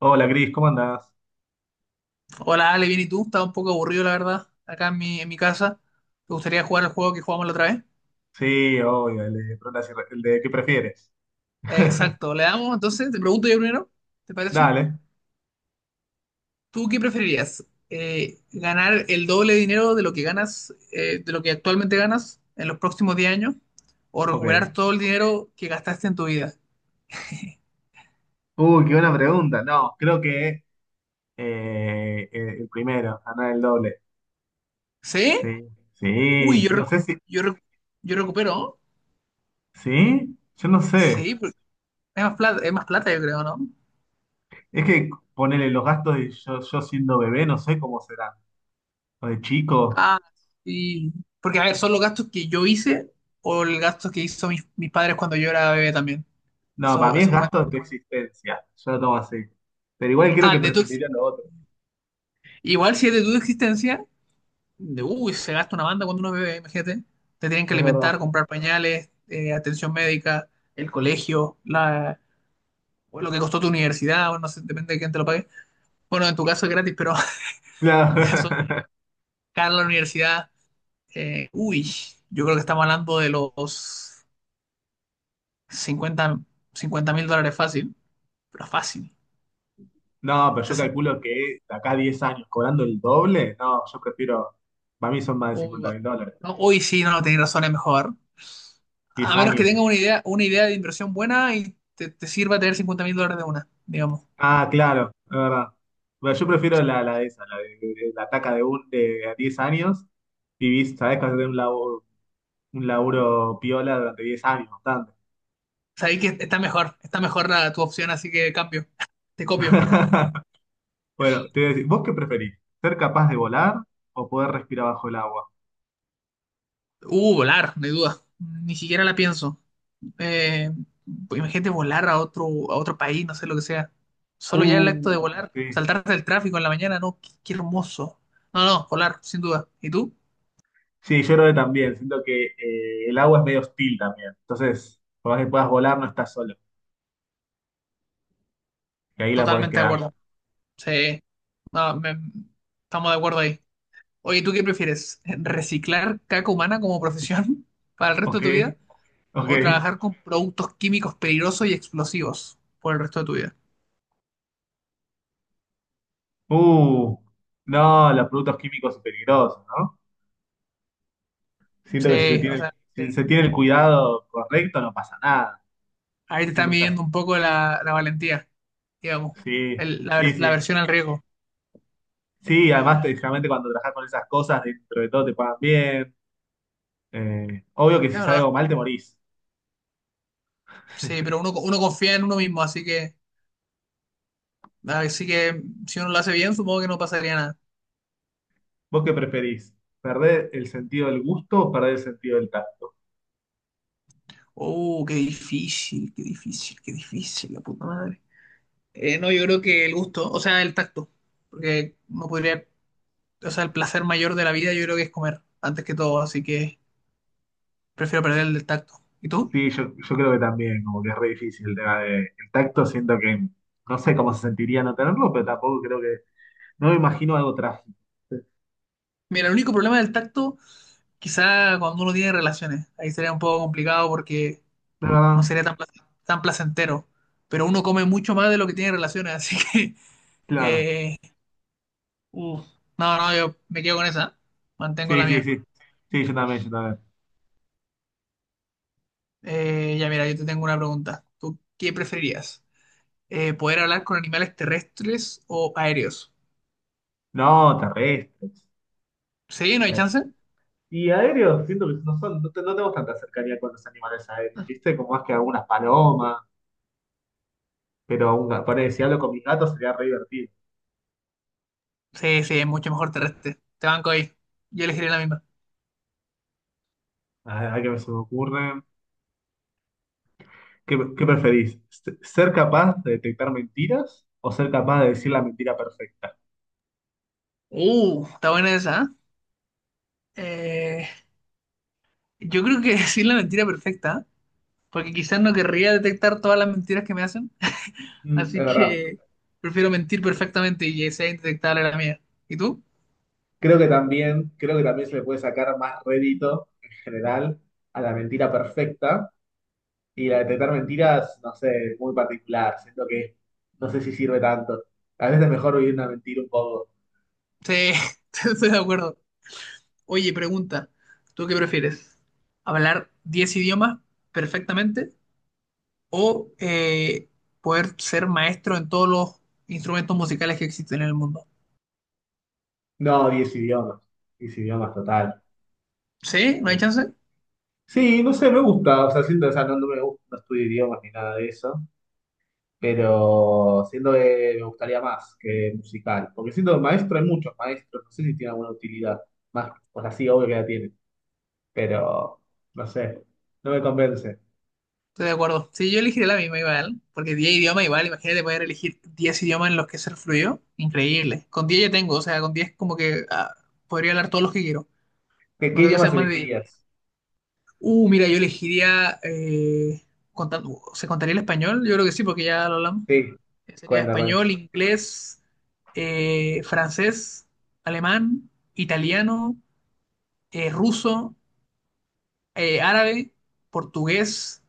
Hola, Cris, ¿cómo andás? Hola Ale, bien, ¿y tú? Estaba un poco aburrido, la verdad, acá en mi casa. ¿Te gustaría jugar el juego que jugamos la otra vez? Sí, obvio, el de ¿qué prefieres? Exacto, le damos entonces, te pregunto yo primero, ¿te parece? Dale, ¿Tú qué preferirías? ¿Ganar el doble de dinero de lo que ganas, de lo que actualmente ganas en los próximos 10 años? ¿O ok. recuperar todo el dinero que gastaste en tu vida? Uy, qué buena pregunta. No, creo que el primero, ganar el doble. ¿Sí? Sí, Uy, sí, yo, no sé si. yo, recu- recupero, ¿no? ¿Sí? Yo no sé. Sí, pero es más plata, yo creo, ¿no? Es que ponerle los gastos de yo siendo bebé, no sé cómo será. O de chico. Ah, sí. Porque, a ver, son los gastos que yo hice o el gasto que hizo mis padres cuando yo era bebé también. No, para Eso, mí es esos gasto cuentan. de tu existencia. Yo lo tomo así. Pero igual creo Ah, que preferiría lo otro. igual si es de tu existencia, de uy, se gasta una banda cuando uno es bebé, imagínate. Te tienen que Es verdad. alimentar, comprar pañales, atención médica, el colegio, o lo que costó tu universidad, o no sé, depende de quién te lo pague. Bueno, en tu caso es gratis, pero en mi caso, Claro. cara a la universidad, uy, yo creo que estamos hablando de los cincuenta cincuenta mil dólares fácil. Pero fácil. No, pero yo 60. calculo que de acá a 10 años, cobrando el doble, no, yo prefiero, para mí son más de Uy, cincuenta va. mil dólares, No, hoy sí, no, tenéis razón, es mejor. A 10 menos que años. tenga una idea de inversión buena y te sirva tener 50.000 dólares de una, digamos. Ah, claro, es verdad. Bueno, yo prefiero la de esa, la de- la taca de, un, de a 10 años, vivís, sabés que vas a tener un laburo piola durante 10 años, bastante. Sabéis que está mejor tu opción, así que cambio. Te copio. Bueno, te voy a decir, ¿vos qué preferís? ¿Ser capaz de volar o poder respirar bajo el agua? Volar, no hay duda. Ni siquiera la pienso. Eh, pues imagínate volar a a otro país, no sé lo que sea. Solo ya el acto Uh, de volar, sí. saltarte el tráfico en la mañana, no, qué, qué hermoso. No, no, volar, sin duda. ¿Y tú? Sí, yo creo que también. Siento que el agua es medio hostil también. Entonces, por más que puedas volar, no estás solo. Que ahí la podés Totalmente de quedar. acuerdo. Sí, no, estamos de acuerdo ahí. Oye, ¿tú qué prefieres? ¿Reciclar caca humana como profesión para el resto Ok, de tu vida ok. o trabajar con productos químicos peligrosos y explosivos por el resto de tu vida? Uh, no, los productos químicos son peligrosos, ¿no? Siento que si se Sí, o tiene, sea, si sí. se tiene el cuidado correcto, no pasa nada. Ahí te están Siempre estás. midiendo un poco la valentía, digamos, Sí, el- la, sí, ver- la sí. versión al riesgo. Sí, además, generalmente cuando trabajas con esas cosas, dentro de todo te pagan bien. Obvio que Es si sale verdad. algo mal, te morís. Sí, pero uno confía en uno mismo, así que si uno lo hace bien, supongo que no pasaría nada. ¿Vos qué preferís? ¿Perder el sentido del gusto o perder el sentido del tacto? Oh, qué difícil, qué difícil, qué difícil, la puta madre. No, yo creo que el gusto, o sea, el tacto, porque no podría, o sea, el placer mayor de la vida yo creo que es comer, antes que todo, así que prefiero perder el del tacto. ¿Y tú? Sí, yo creo que también, como que es re difícil el tema de, el tacto, siento que no sé cómo se sentiría no tenerlo, pero tampoco creo que, no me imagino algo trágico. Mira, el único problema del tacto, quizá cuando uno tiene relaciones, ahí sería un poco complicado porque La verdad, no sería tan, tan placentero, pero uno come mucho más de lo que tiene relaciones, así que, claro. eh, uf, no, no, yo me quedo con esa, mantengo la Sí, sí, mía. sí. Sí, yo también, yo también. Ya mira, yo te tengo una pregunta, ¿tú qué preferirías? Poder hablar con animales terrestres o aéreos. No, terrestres. Sí, no hay Sí. chance. Y aéreos, siento que no son, no, no tenemos tanta cercanía con los animales aéreos, ¿viste? Como más que algunas palomas, pero ponele, si hablo con mis gatos sería re divertido. Sí, sí, es mucho mejor terrestre. Te banco ahí. Yo elegiría la misma. A ver qué se me ocurre. ¿Qué preferís? ¿Ser capaz de detectar mentiras o ser capaz de decir la mentira perfecta? Está buena esa. ¿Eh? Yo creo que decir la mentira perfecta, ¿eh? Porque quizás no querría detectar todas las mentiras que me hacen. Mm, es Así verdad. que prefiero mentir perfectamente y que sea indetectable la mía. ¿Y tú? Creo que también se le puede sacar más rédito en general a la mentira perfecta y la de detectar mentiras, no sé, muy particular. Siento que no sé si sirve tanto. A veces es mejor vivir una mentira un poco. Sí, estoy de acuerdo. Oye, pregunta, ¿tú qué prefieres? ¿Hablar 10 idiomas perfectamente o poder ser maestro en todos los instrumentos musicales que existen en el mundo? No, 10 idiomas. 10 idiomas total. ¿Sí? ¿No hay Eh, chance? sí, no sé, me gusta. O sea, siento, o sea, no, no me gusta, no estudio idiomas ni nada de eso. Pero siento que me gustaría más que musical, porque siento que maestro hay muchos maestros, no sé si tiene alguna utilidad, más, o sea, sí, obvio que la tiene, pero no sé, no me convence. Estoy de acuerdo. Sí, yo elegiré la misma igual, porque 10 idiomas igual, imagínate poder elegir 10 idiomas en los que ser fluido, increíble. Con 10 ya tengo, o sea, con 10 como que ah, podría hablar todos los que quiero, ¿Qué, no qué tengo que ser idiomas más de 10. elegirías? Mira, yo elegiría, contan- ¿se contaría el español? Yo creo que sí, porque ya lo hablamos. Sí, Sería cuenta, cuenta. español, inglés, francés, alemán, italiano, ruso, árabe, portugués,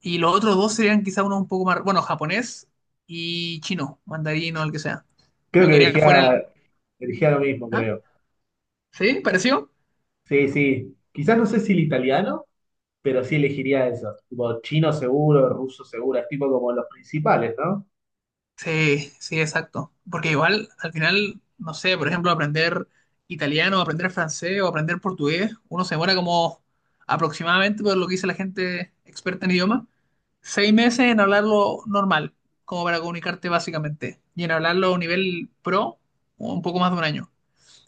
y los otros dos serían quizá uno un poco más, bueno, japonés y chino, mandarín o el que sea. Creo Me que quería fuera el. elegía lo mismo, ¿Ah? creo. ¿Sí? ¿Pareció? Sí, sí, quizás no sé si el italiano, pero sí elegiría eso, tipo chino seguro, ruso seguro, es tipo como los principales, ¿no? Sí, sí, exacto. Porque igual, al final, no sé, por ejemplo, aprender italiano, aprender francés o aprender portugués, uno se demora como aproximadamente, por lo que dice la gente experta en idioma, 6 meses en hablarlo normal, como para comunicarte básicamente. Y en hablarlo a un nivel pro, un poco más de un año.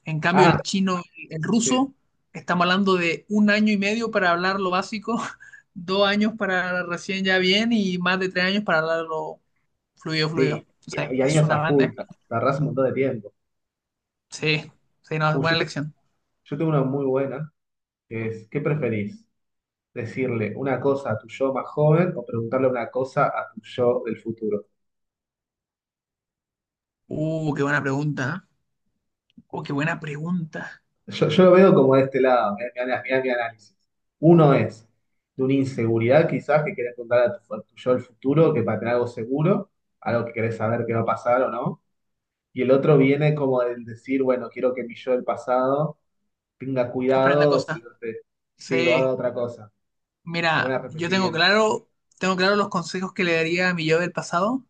En cambio, Ah, el chino, el sí, ruso, estamos hablando de un año y medio para hablar lo básico, 2 años para recién ya bien y más de 3 años para hablarlo fluido, sí, fluido. O sea, y es habías una a full, banda. tardás un montón de tiempo. Sí, sí, no, es Uy, yo buena elección. Yo tengo una muy buena, que es, ¿qué preferís? ¿Decirle una cosa a tu yo más joven o preguntarle una cosa a tu yo del futuro? Qué buena pregunta. ¿Eh? Qué buena pregunta. Yo lo veo como de este lado, mirá, mirá, mirá mi análisis. Uno es de una inseguridad quizás que querés preguntar a tu yo del futuro, que para tener algo seguro, algo que querés saber que va a pasar o no. Y el otro viene como el decir, bueno, quiero que mi yo del pasado tenga Aprende cuidado o cosas. salirte, sí, o haga Sí. otra cosa, algún Mira, yo arrepentimiento. Tengo claro los consejos que le daría a mi yo del pasado,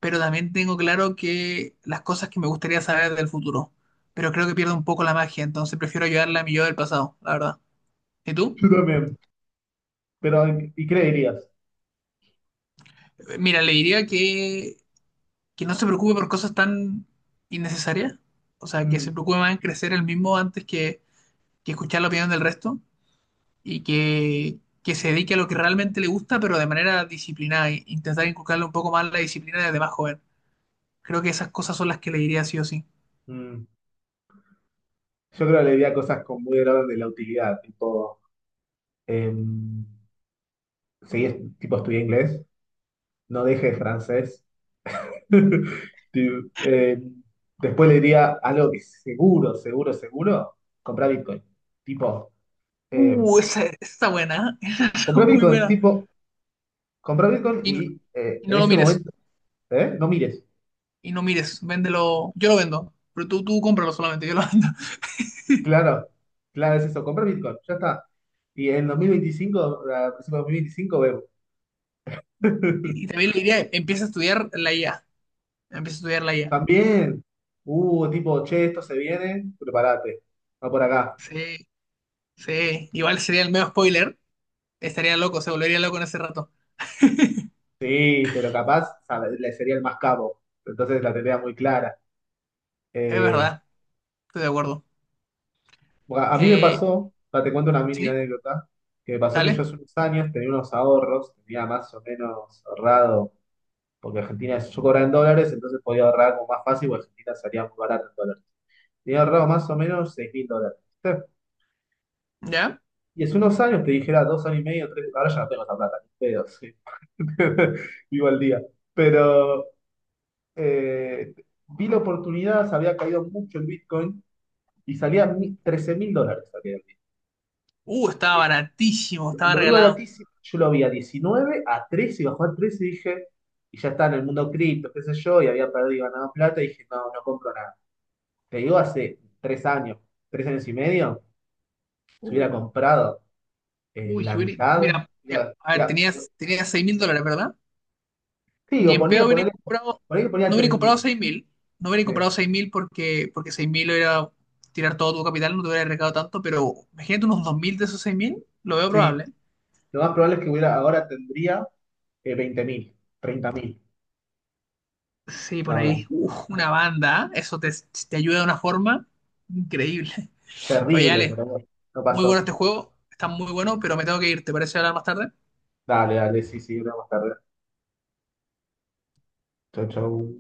pero también tengo claro que las cosas que me gustaría saber del futuro. Pero creo que pierdo un poco la magia, entonces prefiero ayudarle a mi yo del pasado, la verdad. ¿Y tú? Yo también, pero ¿y qué le dirías? Mira le diría que no se preocupe por cosas tan innecesarias. O sea, que Mm. se preocupe más en crecer el mismo antes que, escuchar la opinión del resto y que se dedique a lo que realmente le gusta, pero de manera disciplinada. E intentar inculcarle un poco más la disciplina desde más joven. Creo que esas cosas son las que le diría sí o sí. Mm. Yo creo que le diría cosas con muy del orden de la utilidad, tipo, em, seguí, tipo, estudié inglés, no deje francés. Tipo, después le diría algo que seguro, seguro, seguro, comprar Bitcoin. Tipo, em, Esa está buena, ¿eh? Esa está comprar muy Bitcoin, buena. tipo, comprar Bitcoin Y no, y y no en lo ese mires, momento, ¿eh? No mires. y no mires, véndelo. Yo lo vendo, pero tú cómpralo solamente, yo lo vendo. Claro, claro, es eso, comprar Bitcoin, ya está. Y en 2025, a principios de 2025 vemos. Y también le diría, empieza a estudiar la IA, empieza a estudiar la IA. También. Tipo, che, esto se viene, prepárate. Va por acá. Sí, sí, igual sería el medio spoiler, estaría loco, se volvería loco en ese rato. Sí, pero capaz le sería el más capo. Entonces la tendría muy clara. Es Eh, verdad, estoy de acuerdo. a mí me Eh, pasó, pa, te cuento una mini sí, anécdota, que me pasó que yo dale, hace unos años tenía unos ahorros, tenía más o menos ahorrado, porque Argentina, yo cobraba en dólares, entonces podía ahorrar como más fácil, porque Argentina salía muy barato en dólares. Tenía ahorrado más o menos 6.000 dólares. ¿Viste? ya. Y hace unos años, te dijera 2 años y medio, tres, ahora ya no tengo esa plata, ni pedo. Sí. Vivo al día. Pero eh, vi la oportunidad, se había caído mucho el Bitcoin y salía 13.000 dólares. Salía el Bitcoin. Estaba Eh, baratísimo, lo estaba lo vi regalado. baratísimo, yo lo vi a 19 a 13, y bajó a 13 y dije, y ya está en el mundo cripto, qué sé yo, y había perdido y ganado plata y dije, no, no compro nada. Te digo, hace 3 años, 3 años y medio, si hubiera Uh, comprado Uy, la Yuri, mitad, mira, ya, ya, a ver, ya, tenías 6.000 dólares, ¿verdad? sí, Ni o en pedo ponía, hubiera ponele- comprado, ponele que no ponía hubiera 3.000. comprado 6.000 no hubiera Sí, comprado 6.000 porque, 6.000 era tirar todo tu capital, no te hubiera arriesgado tanto, pero imagínate unos 2.000 de esos 6.000 lo veo sí, probable. lo más probable es que hubiera, ahora tendría 20.000, 30.000. Sí, por No, ahí, no. uf, una banda, ¿eh? Eso te, ayuda de una forma increíble. Oye, Terrible, Ale, pero bueno, no muy bueno pasó. este juego, está muy bueno, pero me tengo que ir, ¿te parece hablar más tarde? Dale, dale, sí, sí, vamos tarde. Chau, chau.